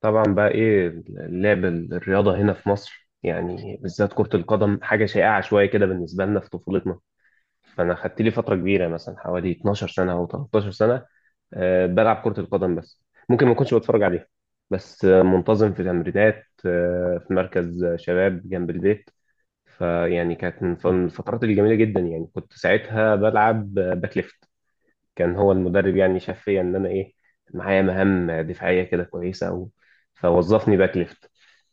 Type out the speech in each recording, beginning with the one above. طبعا بقى ايه اللعب الرياضة هنا في مصر، يعني بالذات كرة القدم حاجة شائعة شوية كده بالنسبة لنا في طفولتنا. فأنا خدت لي فترة كبيرة، مثلا حوالي 12 سنة أو 13 سنة، بلعب كرة القدم بس. ممكن ما كنتش بتفرج عليها، بس منتظم في تمرينات في مركز شباب جنب البيت. فيعني كانت مم. من الفترات الجميلة جدا، يعني كنت ساعتها بلعب باك ليفت. كان هو المدرب، يعني شاف فيا ان انا ايه، معايا مهام دفاعيه كده كويسه أوي، فوظفني باك ليفت.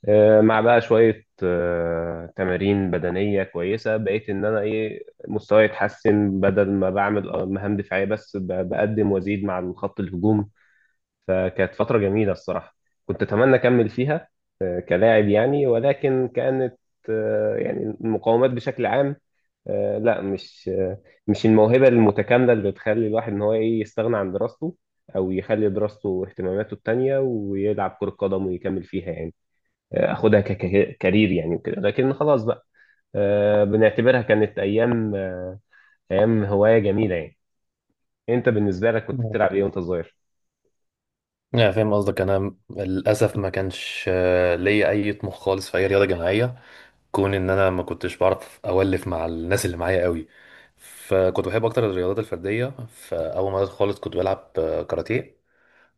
مع بقى شويه تمارين بدنيه كويسه، بقيت ان انا ايه مستواي يتحسن، بدل ما بعمل مهام دفاعيه بس، بقدم وازيد مع الخط الهجوم. فكانت فتره جميله الصراحه، كنت اتمنى اكمل فيها كلاعب يعني، ولكن كانت يعني المقاومات بشكل عام، لا، مش الموهبة المتكاملة اللي بتخلي الواحد ان هو ايه يستغنى عن دراسته، او يخلي دراسته واهتماماته التانية ويلعب كرة قدم ويكمل فيها يعني، اخدها ككارير يعني وكده، لكن خلاص بقى بنعتبرها كانت ايام هواية جميلة يعني. انت بالنسبة لك كنت بتلعب ايه وانت صغير؟ لا فاهم قصدك. انا للاسف ما كانش ليا اي طموح خالص في اي رياضه جماعيه، كون ان انا ما كنتش بعرف اولف مع الناس اللي معايا قوي، فكنت بحب اكتر الرياضات الفرديه. فاول ما بدأت خالص كنت بلعب كاراتيه،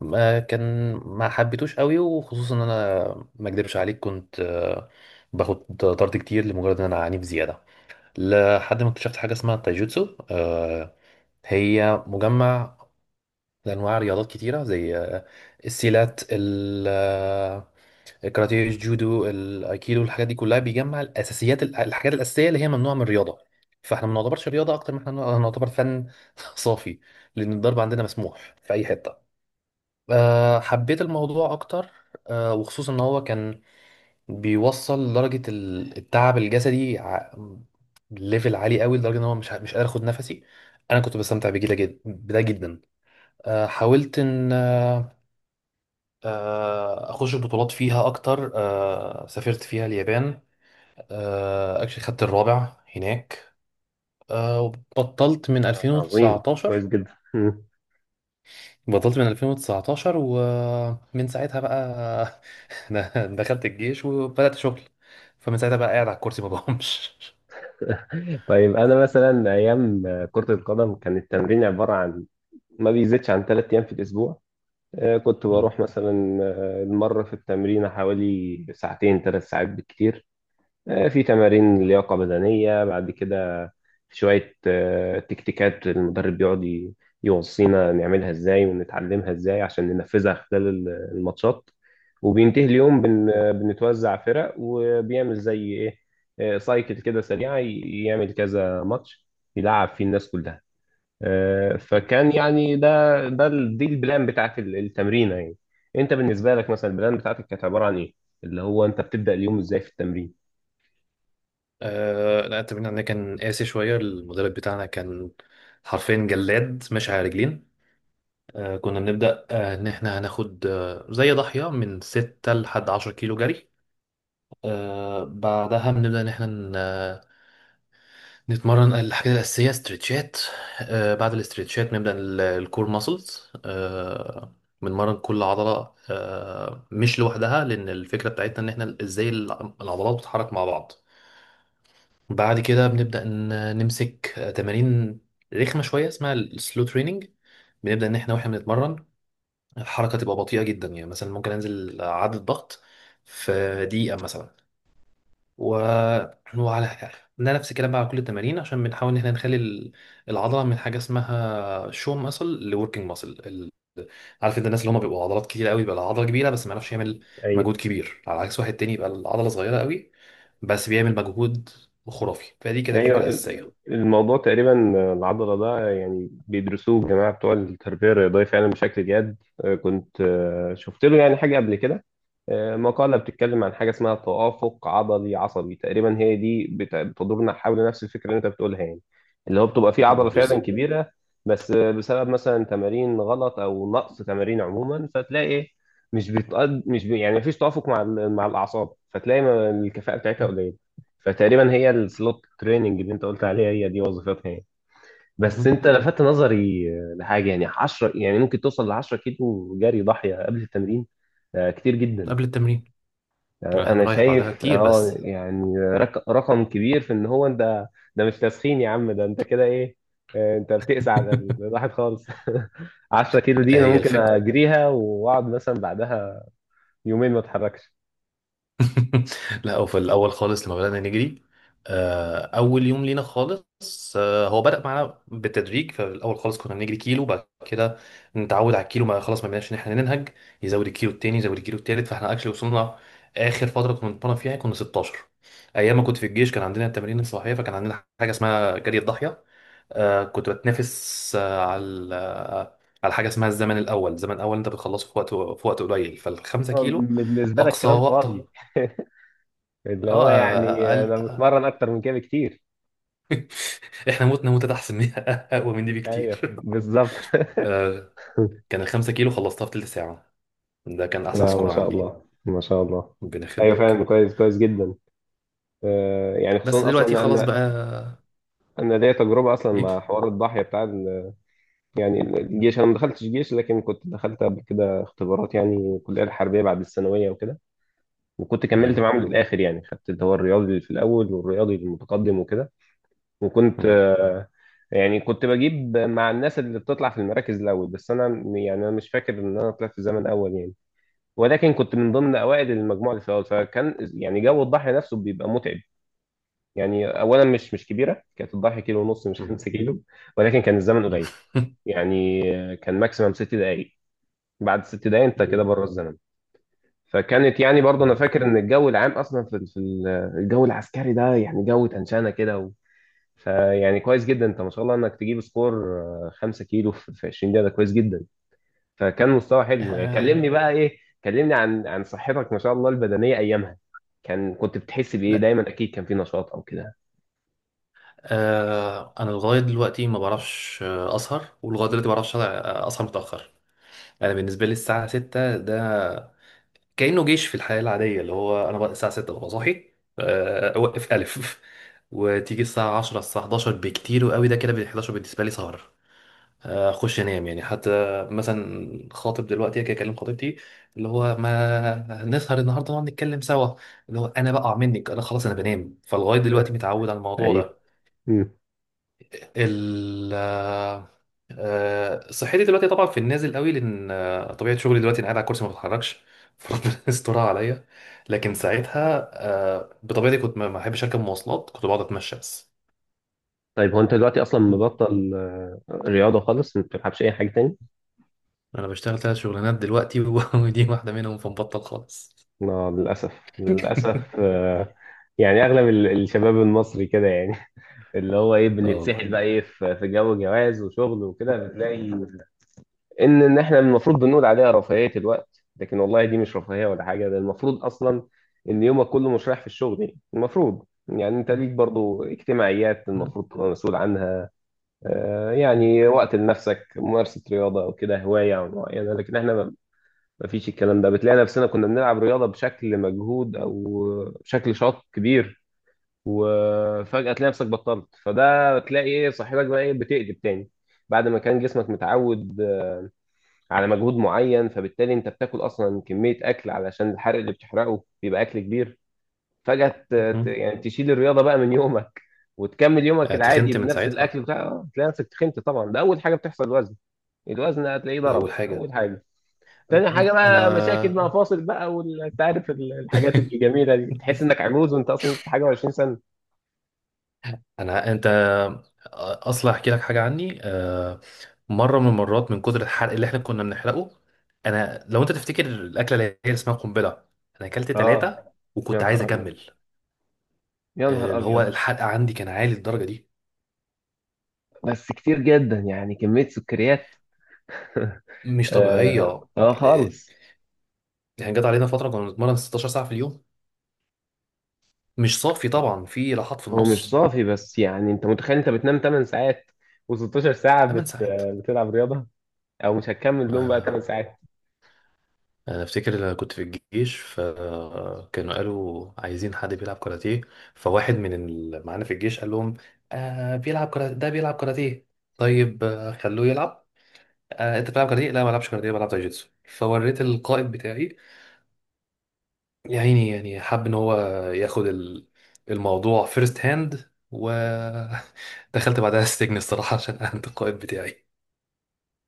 ما حبيتوش قوي، وخصوصا ان انا ما اكدبش عليك، كنت باخد طرد كتير لمجرد ان انا عنيف زياده. لحد ما اكتشفت حاجه اسمها التايجوتسو، هي مجمع لأنواع رياضات كتيرة زي السيلات، الكاراتيه، الجودو، الأيكيدو، الحاجات دي كلها. بيجمع الأساسيات، الحاجات الأساسية اللي هي ممنوعة من الرياضة، فاحنا ما نعتبرش رياضة أكتر ما احنا نعتبر فن. صافي، لأن الضرب عندنا مسموح في أي حتة. حبيت الموضوع أكتر، وخصوصا إن هو كان بيوصل لدرجة التعب الجسدي، ليفل عالي قوي، لدرجة إن هو مش قادر أخد نفسي. أنا كنت بستمتع بجدا جدا بده جدا. حاولت ان اخش بطولات فيها اكتر. سافرت فيها اليابان، اكشلي خدت الرابع هناك. وبطلت من عظيم. كويس 2019. جدا. بطلت من 2019 ومن ساعتها بقى دخلت الجيش وبدأت شغل. فمن ساعتها بقى قاعد على الكرسي ما بقومش. طيب انا مثلا ايام كرة القدم كان التمرين عبارة عن ما بيزيدش عن 3 ايام في الاسبوع. كنت مم. بروح مثلا المرة في التمرين حوالي ساعتين، 3 ساعات بالكتير. في تمارين لياقة بدنية بعد كده، في شوية تكتيكات المدرب بيقعد يوصينا نعملها ازاي ونتعلمها ازاي عشان ننفذها خلال الماتشات. وبينتهي اليوم مم. بن آه، بنتوزع فرق، وبيعمل زي ايه سايكل كده سريعة، يعمل كذا ماتش يلعب فيه الناس كلها. مم. فكان يعني دي البلان بتاعت التمرينة يعني. انت بالنسبة لك مثلا البلان بتاعتك كانت عبارة عن ايه؟ اللي هو انت بتبدأ اليوم ازاي في التمرين؟ آه، لا، التمرين عندنا كان قاسي شوية. المدرب بتاعنا كان حرفيا جلاد ماشي على رجلين. كنا بنبدأ إن إحنا هناخد زي ضاحية من 6 لحد 10 كيلو جري. بعدها بنبدأ إن إحنا نتمرن الحاجات الأساسية، استرتشات. بعد الاسترتشات نبدأ الكور ماسلز. بنمرن كل عضلة، مش لوحدها، لأن الفكرة بتاعتنا إن إحنا إزاي العضلات بتتحرك مع بعض. بعد كده بنبدأ نمسك تمارين رخمة شوية اسمها السلو تريننج. بنبدأ إن إحنا وإحنا بنتمرن الحركة تبقى بطيئة جدا. يعني مثلا ممكن أنزل عدد ضغط في دقيقة مثلا، و... وعلى ده نفس الكلام بقى على كل التمارين، عشان بنحاول إن احنا نخلي العضلة من حاجة اسمها شو ماسل لوركينج ماسل. عارف أنت الناس اللي هم بيبقوا عضلات كتير قوي، بيبقى العضلة كبيرة بس ما يعرفش آه. يعمل ايوه. مجهود كبير، على عكس واحد تاني يبقى العضلة صغيرة قوي بس بيعمل مجهود خرافي. فدي كانت الفكرة ايوه، الأساسية. الموضوع تقريبا العضله ده يعني بيدرسوه الجماعه بتوع التربيه الرياضيه فعلا بشكل جاد. كنت شفت له يعني حاجه قبل كده، مقاله بتتكلم عن حاجه اسمها توافق عضلي عصبي، تقريبا هي دي بتدورنا حول نفس الفكره اللي انت بتقولها يعني، اللي هو بتبقى فيه عضله فعلا بالظبط. كبيره، بس بسبب مثلا تمارين غلط او نقص تمارين عموما، فتلاقي إيه، مش بتقد مش بي... يعني مفيش توافق مع مع الاعصاب، فتلاقي الكفاءه بتاعتها قليله. فتقريبا هي السلوت تريننج اللي انت قلت عليها هي دي وظيفتها يعني. بس مهم. انت لفت نظري لحاجه، يعني 10، يعني ممكن توصل ل 10 كيلو جري ضاحيه قبل التمرين. كتير جدا، قبل التمرين، احنا انا بنريح بعدها شايف كتير بس. يعني رقم كبير في ان هو انت، ده مش تسخين يا عم، ده انت كده ايه، انت بتقسى على الواحد خالص. 10 كيلو دي انا هي ممكن الفكرة. اجريها واقعد مثلا بعدها يومين ما اتحركش. لا، هو في الاول خالص لما بدانا نجري، اول يوم لينا خالص، هو بدا معانا بالتدريج. فالاول خالص كنا بنجري كيلو، بعد كده نتعود على الكيلو، ما خلاص ما بقيناش ان احنا ننهج، يزود الكيلو التاني، يزود الكيلو التالت. فاحنا اكشلي وصلنا اخر فتره كنا بنتمرن فيها كنا 16. ايام ما كنت في الجيش كان عندنا التمارين الصباحيه، فكان عندنا حاجه اسمها جري الضاحيه. كنت بتنافس على على حاجه اسمها الزمن الاول. الزمن الاول انت بتخلصه في وقت قليل، فالخمسة أيوة، كيلو بالنسبه لك اقصى كلام وقت. فاضي. اللي هو اه يعني قال. انا بتمرن اكتر من كده كتير. احنا متنا موتة احسن من اقوى من دي ايوه، بكتير. بالظبط. آه، كان ال 5 كيلو خلصتها في تلت ساعة، ده كان احسن لا، ما سكور شاء عندي. الله ما شاء الله. ربنا ايوه، يخليك. فعلا كويس، كويس جدا. يعني بس خصوصا اصلا إن دلوقتي خلاص انا بقى انا ليا تجربه اصلا ايه. مع حوار الضاحيه بتاع يعني الجيش. انا ما دخلتش جيش، لكن كنت دخلت قبل كده اختبارات، يعني الكليه الحربيه بعد الثانويه وكده، وكنت كملت مم. معاهم للاخر، يعني خدت اللي هو الرياضي في الاول والرياضي المتقدم وكده، وكنت مم. آه، يعني كنت بجيب مع الناس اللي بتطلع في المراكز الاول، بس انا يعني انا مش فاكر ان انا طلعت في زمن اول يعني، ولكن كنت من ضمن اوائل المجموعه اللي في الاول، فكان يعني جو الضحيه نفسه بيبقى متعب. يعني اولا، مش كبيره كانت الضحيه، كيلو ونص، مش مم. 5 كيلو، ولكن كان الزمن قليل، يعني كان ماكسيمم 6 دقائق، بعد ست دقائق انت كده مم. بره الزمن. فكانت، يعني برضه انا مم. فاكر ان الجو العام اصلا في الجو العسكري ده، يعني جو تنشانه كده. فيعني كويس جدا انت ما شاء الله انك تجيب سكور 5 كيلو في 20 دقيقه، ده كويس جدا، فكان مستوى حلو يعني. آه، كلمني بقى ايه، كلمني عن صحتك ما شاء الله البدنيه ايامها، كنت بتحس بايه لا دايما، اكيد كان في نشاط او كده. آه، انا لغايه دلوقتي ما بعرفش اسهر، أسهر متاخر. انا بالنسبه لي الساعه 6 ده كأنه جيش. في الحياة العادية، اللي هو أنا بقى الساعة 6 ببقى صاحي، أوقف ألف. وتيجي الساعة 10، الساعة 11 بكتير وقوي، ده كده بال 11 بالنسبة لي سهر. أخش أنام. يعني حتى مثلا خاطب دلوقتي، أجي أكلم خطيبتي اللي هو ما نسهر النهاردة نقعد نتكلم سوا، اللي هو أنا بقع منك، أنا خلاص أنا بنام. فلغاية دلوقتي متعود على الموضوع ايوه. ده. مم. ال آه، صحتي دلوقتي طبعا في النازل قوي، لان طبيعه شغلي دلوقتي انا قاعد على الكرسي ما بتحركش. فربنا يسترها عليا. لكن ساعتها بطبيعتي كنت ما بحبش اركب مواصلات، كنت بقعد اتمشى بس. طيب هو انت دلوقتي اصلا م. مبطل رياضه خالص، ما بتلعبش اي حاجه تاني؟ انا بشتغل 3 شغلانات دلوقتي. ودي واحده منهم، فمبطل خالص. لا للاسف، للاسف، يعني اغلب الشباب المصري كده يعني. اللي هو ايه اه بنتسحل والله. بقى، ايه في جو جواز وشغل وكده، بتلاقي ان احنا المفروض بنقول عليها رفاهيه الوقت، لكن والله دي مش رفاهيه ولا حاجه. ده المفروض اصلا ان يومك كله مش رايح في الشغل، يعني المفروض يعني انت ليك برضو اجتماعيات م. المفروض تبقى مسؤول عنها، م. يعني وقت لنفسك، ممارسه رياضه او كده هوايه معينه، لكن احنا ما فيش الكلام ده. بتلاقي نفسنا كنا بنلعب رياضه بشكل مجهود او بشكل شاط كبير، وفجاه تلاقي نفسك بطلت، فده بتلاقي ايه صحتك بقى ايه بتقلب تاني بعد ما كان جسمك متعود على مجهود معين، فبالتالي انت بتاكل اصلا كميه اكل علشان الحرق اللي بتحرقه بيبقى اكل كبير، فجاه م. يعني تشيل الرياضه بقى من يومك، وتكمل يومك العادي تخنت من بنفس ساعتها، الاكل، بتاع آه، تلاقي نفسك تخنت طبعا، ده اول حاجه بتحصل، الوزن. الوزن هتلاقيه ده ضرب اول حاجه. اول حاجه، م. تاني م. حاجه بقى مشاكل انا مع فاصل بقى وانت عارف الحاجات الجميله دي، تحس انك عجوز وانت اصلا لسه حاجه و20 سنه. انا انت اصلا احكي لك حاجه عني. مره من المرات من كتر الحرق اللي احنا كنا بنحرقه، انا لو انت تفتكر الاكله اللي هي اسمها قنبله، انا اكلت اه. ثلاثه يا وكنت عايز نهار ابيض، اكمل. يا نهار اللي هو ابيض. الحرق عندي كان عالي للدرجه دي، بس كتير جدا، يعني كميه سكريات. مش طبيعيه. اه، خالص. يعني جت علينا فتره كنا بنتمرن 16 ساعه في اليوم، مش صافي طبعا، في راحات في هو مش النص. صافي، بس يعني انت متخيل انت بتنام 8 ساعات و16 ساعة 8 ساعات. بتلعب رياضة، او مش هتكمل لهم بقى 8 آه، ساعات. انا افتكر لما كنت في الجيش، فكانوا قالوا عايزين حد بيلعب كاراتيه، فواحد من اللي معانا في الجيش قال لهم: آه بيلعب كاراتيه، ده بيلعب كاراتيه. طيب آه خلوه يلعب. آه انت بتلعب كاراتيه؟ لا ما بلعبش كاراتيه، بلعب تايجيتسو. فوريت القائد بتاعي، يا عيني، يعني حب ان هو ياخد الموضوع فيرست هاند، ودخلت بعدها السجن الصراحة عشان اهنت القائد بتاعي.